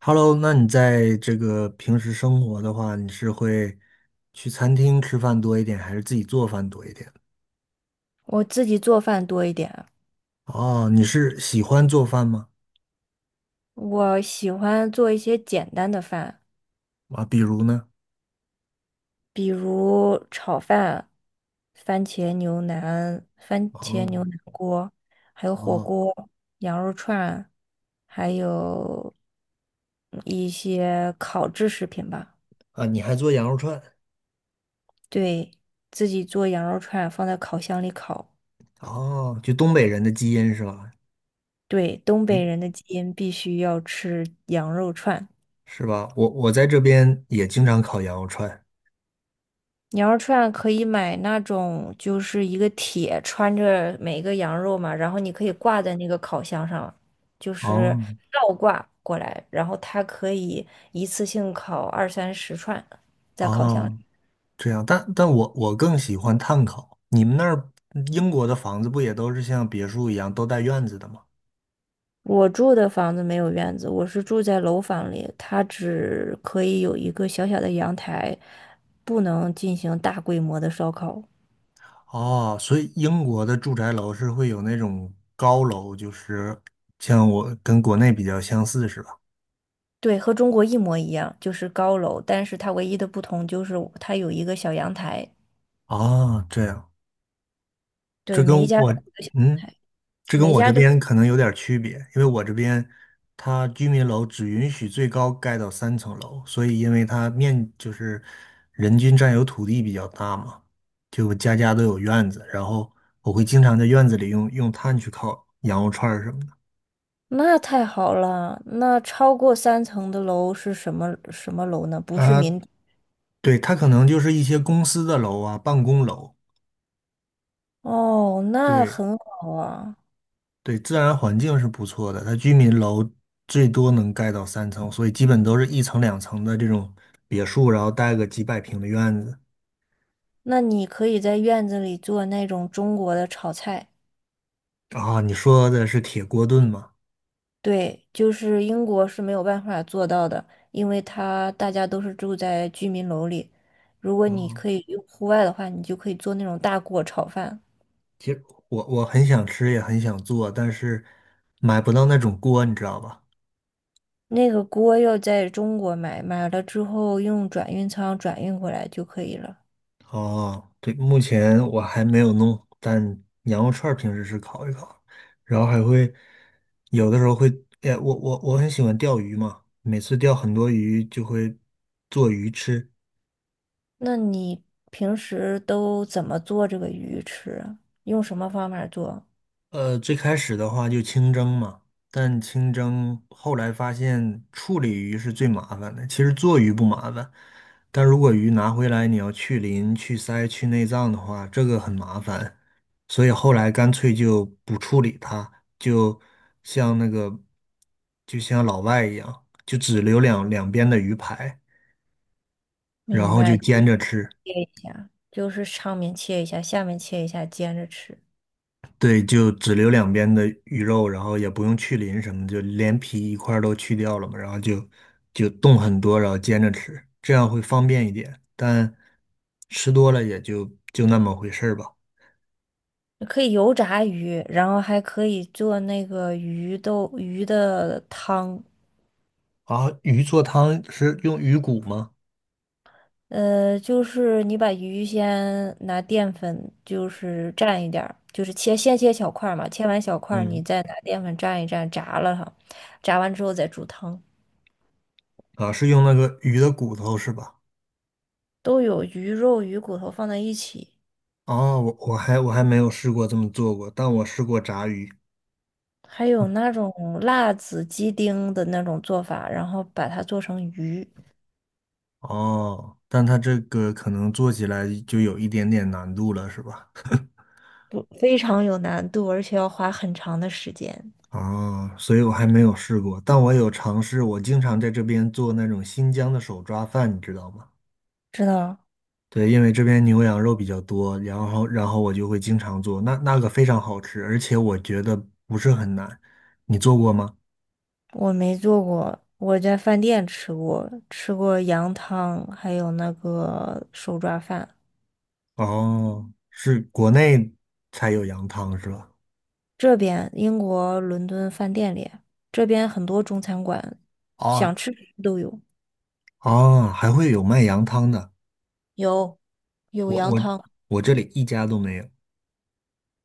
Hello,那你在这个平时生活的话，你是会去餐厅吃饭多一点，还是自己做饭多一点？我自己做饭多一点，哦，你是喜欢做饭吗？我喜欢做一些简单的饭，啊，比如呢？比如炒饭、番茄牛腩、番茄哦。牛腩锅，还有火哦。锅、羊肉串，还有一些烤制食品吧。啊，你还做羊肉串？对，自己做羊肉串，放在烤箱里烤。哦，就东北人的基因是吧？对，东北你人的基因必须要吃羊肉串。是吧？我在这边也经常烤羊肉串。羊肉串可以买那种，就是一个铁穿着每一个羊肉嘛，然后你可以挂在那个烤箱上，就是哦。倒挂过来，然后它可以一次性烤二三十串在烤箱里。哦，这样，但我更喜欢炭烤。你们那儿英国的房子不也都是像别墅一样都带院子的吗？我住的房子没有院子，我是住在楼房里，它只可以有一个小小的阳台，不能进行大规模的烧烤。哦，所以英国的住宅楼是会有那种高楼，就是像我跟国内比较相似，是吧？对，和中国一模一样，就是高楼，但是它唯一的不同就是它有一个小阳台，哦，这样，这对，跟每一家我，嗯，这跟每一我家这都，边可能有点儿区别，因为我这边它居民楼只允许最高盖到三层楼，所以因为它面就是人均占有土地比较大嘛，就家家都有院子，然后我会经常在院子里用炭去烤羊肉串儿什么的。那太好了。那超过3层的楼是什么什么楼呢？不是啊，民。对，它可能就是一些公司的楼啊，办公楼。哦，那对。很好啊。对，自然环境是不错的，它居民楼最多能盖到三层，所以基本都是一层两层的这种别墅，然后带个几百平的院子。那你可以在院子里做那种中国的炒菜，啊，你说的是铁锅炖吗？对，就是英国是没有办法做到的，因为它大家都是住在居民楼里。如果你哦，可以用户外的话，你就可以做那种大锅炒饭。其实我很想吃，也很想做，但是买不到那种锅，你知道吧？那个锅要在中国买，买了之后用转运仓转运过来就可以了。哦，对，目前我还没有弄，但羊肉串儿平时是烤一烤，然后还会有的时候会，哎，我很喜欢钓鱼嘛，每次钓很多鱼就会做鱼吃。那你平时都怎么做这个鱼吃啊用什么方法做？最开始的话就清蒸嘛，但清蒸后来发现处理鱼是最麻烦的。其实做鱼不麻烦，但如果鱼拿回来你要去鳞、去鳃、去内脏的话，这个很麻烦。所以后来干脆就不处理它，就像那个就像老外一样，就只留两边的鱼排，然明后就白，切煎着吃。一下，就是上面切一下，下面切一下，煎着吃。对，就只留两边的鱼肉，然后也不用去鳞什么，就连皮一块儿都去掉了嘛，然后就冻很多，然后煎着吃，这样会方便一点。但吃多了也就就那么回事儿吧。可以油炸鱼，然后还可以做那个鱼豆鱼的汤。啊，鱼做汤是用鱼骨吗？就是你把鱼先拿淀粉，就是蘸一点儿，就是切先切小块儿嘛，切完小块儿你嗯。再拿淀粉蘸一蘸，炸了它，炸完之后再煮汤。啊，是用那个鱼的骨头是吧？都有鱼肉、鱼骨头放在一起。哦，我还没有试过这么做过，但我试过炸鱼。还有那种辣子鸡丁的那种做法，然后把它做成鱼，哦，但它这个可能做起来就有一点点难度了，是吧？不，非常有难度，而且要花很长的时间。哦，所以我还没有试过，但我有尝试。我经常在这边做那种新疆的手抓饭，你知道吗？知道，对，因为这边牛羊肉比较多，然后我就会经常做，那那个非常好吃，而且我觉得不是很难。你做过吗？我没做过，我在饭店吃过，吃过羊汤，还有那个手抓饭。哦，是国内才有羊汤是吧？这边英国伦敦饭店里，这边很多中餐馆，哦。想吃什么都有，哦，还会有卖羊汤的，有有我羊我汤，我这里一家都没有。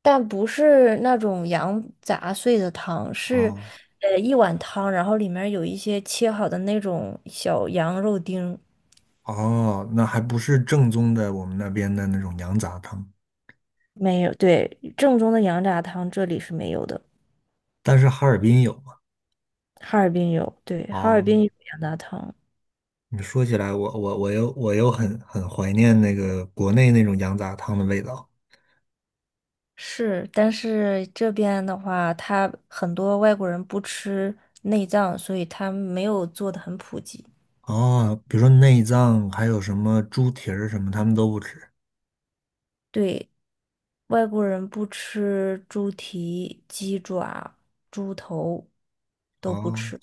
但不是那种羊杂碎的汤，是啊。一碗汤，然后里面有一些切好的那种小羊肉丁。哦，那还不是正宗的我们那边的那种羊杂汤，没有，对，正宗的羊杂汤这里是没有的，但是哈尔滨有嘛？哈尔滨有，对，哈尔啊，滨有羊杂汤。你说起来，我又很怀念那个国内那种羊杂汤的味道。是，但是这边的话，他很多外国人不吃内脏，所以他没有做的很普及。哦，比如说内脏，还有什么猪蹄儿什么，他们都不吃。对，外国人不吃猪蹄、鸡爪、猪头都不哦。吃。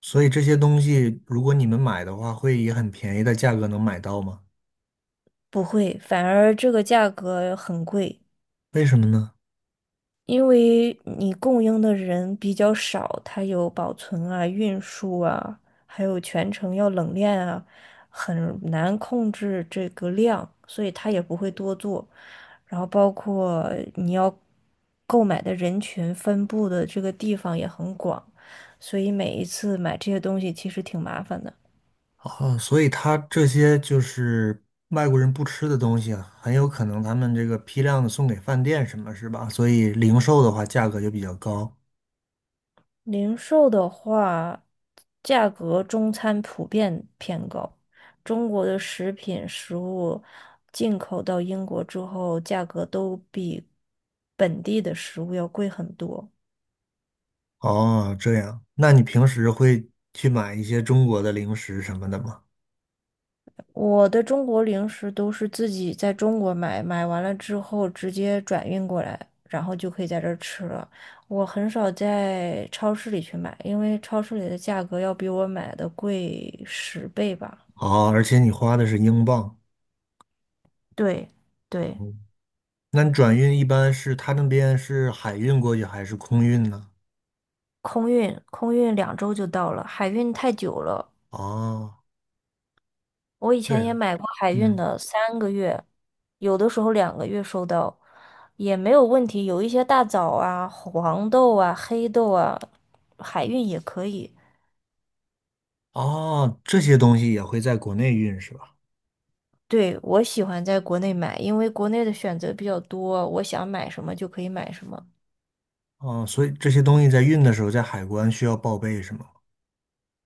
所以这些东西，如果你们买的话，会以很便宜的价格能买到吗？不会，反而这个价格很贵，为什么呢？因为你供应的人比较少，它有保存啊、运输啊，还有全程要冷链啊，很难控制这个量，所以它也不会多做。然后包括你要购买的人群分布的这个地方也很广，所以每一次买这些东西其实挺麻烦的。哦，所以他这些就是外国人不吃的东西啊，很有可能他们这个批量的送给饭店什么，是吧？所以零售的话价格就比较高。零售的话，价格中餐普遍偏高。中国的食品食物进口到英国之后，价格都比本地的食物要贵很多。哦，这样，那你平时会去买一些中国的零食什么的吗？我的中国零食都是自己在中国买，买完了之后直接转运过来，然后就可以在这儿吃了。我很少在超市里去买，因为超市里的价格要比我买的贵10倍吧。哦，而且你花的是英镑。对，对。嗯，那你转运一般是他那边是海运过去还是空运呢？空运，空运2周就到了，海运太久了。哦，我以这前也样，买过海运嗯。的，3个月，有的时候2个月收到，也没有问题。有一些大枣啊、黄豆啊、黑豆啊，海运也可以。哦，这些东西也会在国内运是吧？对，我喜欢在国内买，因为国内的选择比较多，我想买什么就可以买什么。哦，所以这些东西在运的时候，在海关需要报备是吗？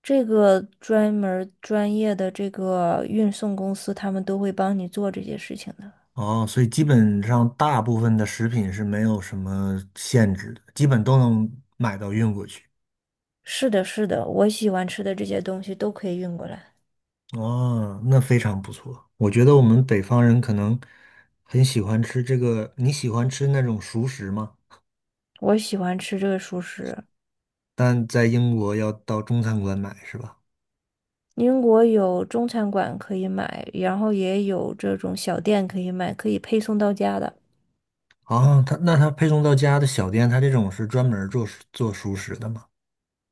这个专门儿专业的这个运送公司，他们都会帮你做这些事情的。哦，所以基本上大部分的食品是没有什么限制的，基本都能买到运过去。是的，是的，我喜欢吃的这些东西都可以运过来。哦，那非常不错。我觉得我们北方人可能很喜欢吃这个，你喜欢吃那种熟食吗？我喜欢吃这个熟食。但在英国要到中餐馆买是吧？英国有中餐馆可以买，然后也有这种小店可以买，可以配送到家的。啊，它那它配送到家的小店，它这种是专门儿做熟做熟食的吗？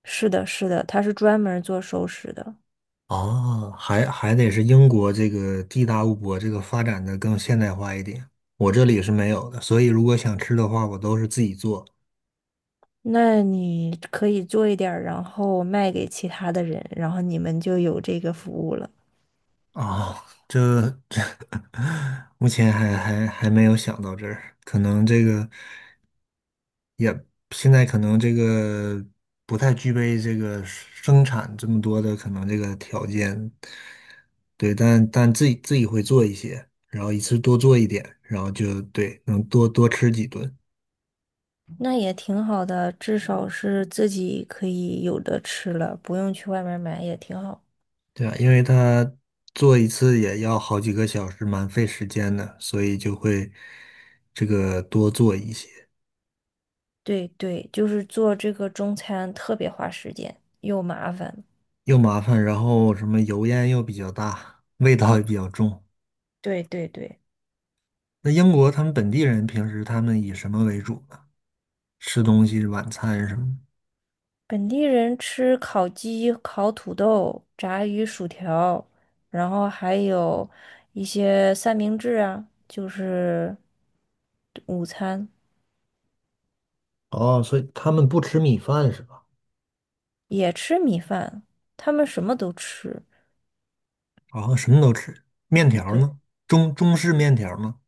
是的，是的，它是专门做熟食的。哦，还还得是英国这个地大物博，这个发展的更现代化一点。我这里是没有的，所以如果想吃的话，我都是自己做。那你可以做一点儿，然后卖给其他的人，然后你们就有这个服务了。啊，这这 目前还还还没有想到这儿，可能这个现在可能这个不太具备这个生产这么多的可能这个条件，对，但但自己会做一些，然后一次多做一点，然后就对，能多多吃几顿。那也挺好的，至少是自己可以有的吃了，不用去外面买，也挺好。对啊，因为他做一次也要好几个小时，蛮费时间的，所以就会这个多做一些，对对，就是做这个中餐特别花时间，又麻烦。又麻烦，然后什么油烟又比较大，味道也比较重。对对对。那英国他们本地人平时他们以什么为主呢？吃东西，晚餐什么本地人吃烤鸡、烤土豆、炸鱼薯条，然后还有一些三明治啊，就是午餐的？哦，所以他们不吃米饭是吧？也吃米饭，他们什么都吃。哦，什么都吃，面条对，呢？中式面条吗？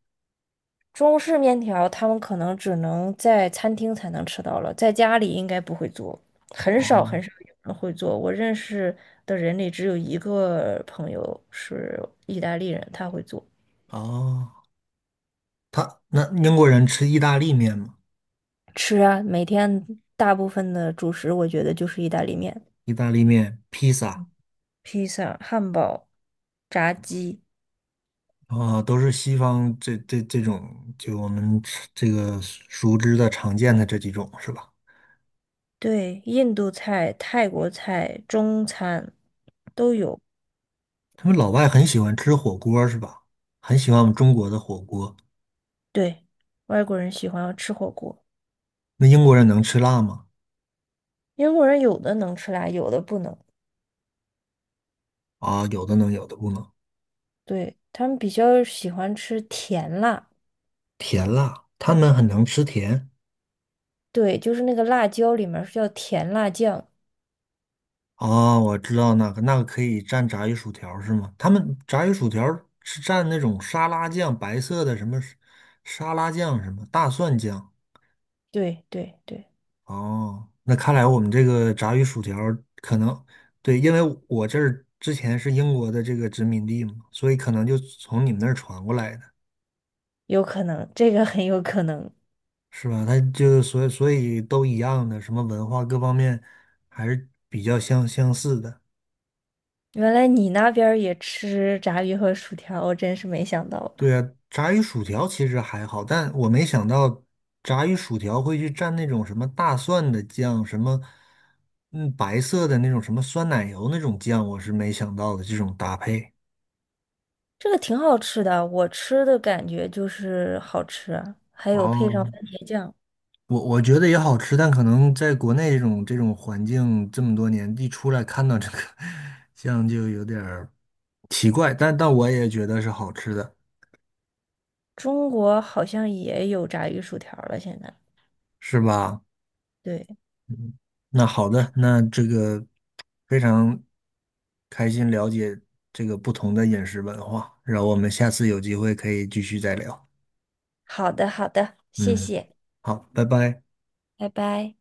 中式面条他们可能只能在餐厅才能吃到了，在家里应该不会做，很少哦。很少有人会做。我认识的人里只有一个朋友是意大利人，他会做。哦，他那英国人吃意大利面吗？吃啊，每天大部分的主食我觉得就是意大利面、意大利面、披萨。披萨、汉堡、炸鸡，啊，都是西方这种，就我们吃这个熟知的、常见的这几种是吧？对，印度菜、泰国菜、中餐都有。他们老外很喜欢吃火锅是吧？很喜欢我们中国的火锅。对，外国人喜欢吃火锅，那英国人能吃辣吗？英国人有的能吃辣，有的不能。啊，有的能，有的不能。对，他们比较喜欢吃甜辣，甜辣，他们很能吃甜。对，就是那个辣椒里面是叫甜辣酱。啊，我知道那个，那个可以蘸炸鱼薯条是吗？他们炸鱼薯条是蘸那种沙拉酱，白色的什么沙拉酱，什么大蒜酱。对对对，哦，那看来我们这个炸鱼薯条儿可能对，因为我这儿之前是英国的这个殖民地嘛，所以可能就从你们那儿传过来的，有可能，这个很有可能。是吧？它就所以都一样的，什么文化各方面还是比较相似的。原来你那边儿也吃炸鱼和薯条，我真是没想到，对啊，炸鱼薯条其实还好，但我没想到炸鱼薯条会去蘸那种什么大蒜的酱，什么嗯白色的那种什么酸奶油那种酱，我是没想到的这种搭配。这个挺好吃的。我吃的感觉就是好吃啊，还有配上哦，番茄酱。我我觉得也好吃，但可能在国内这种环境这么多年，一出来看到这个，像就有点儿奇怪。但但我也觉得是好吃的，中国好像也有炸鱼薯条了，现在。是吧？对，那好的，那这个非常开心了解这个不同的饮食文化，然后我们下次有机会可以继续再聊。好的，好的，谢嗯，谢，好，拜拜。拜拜。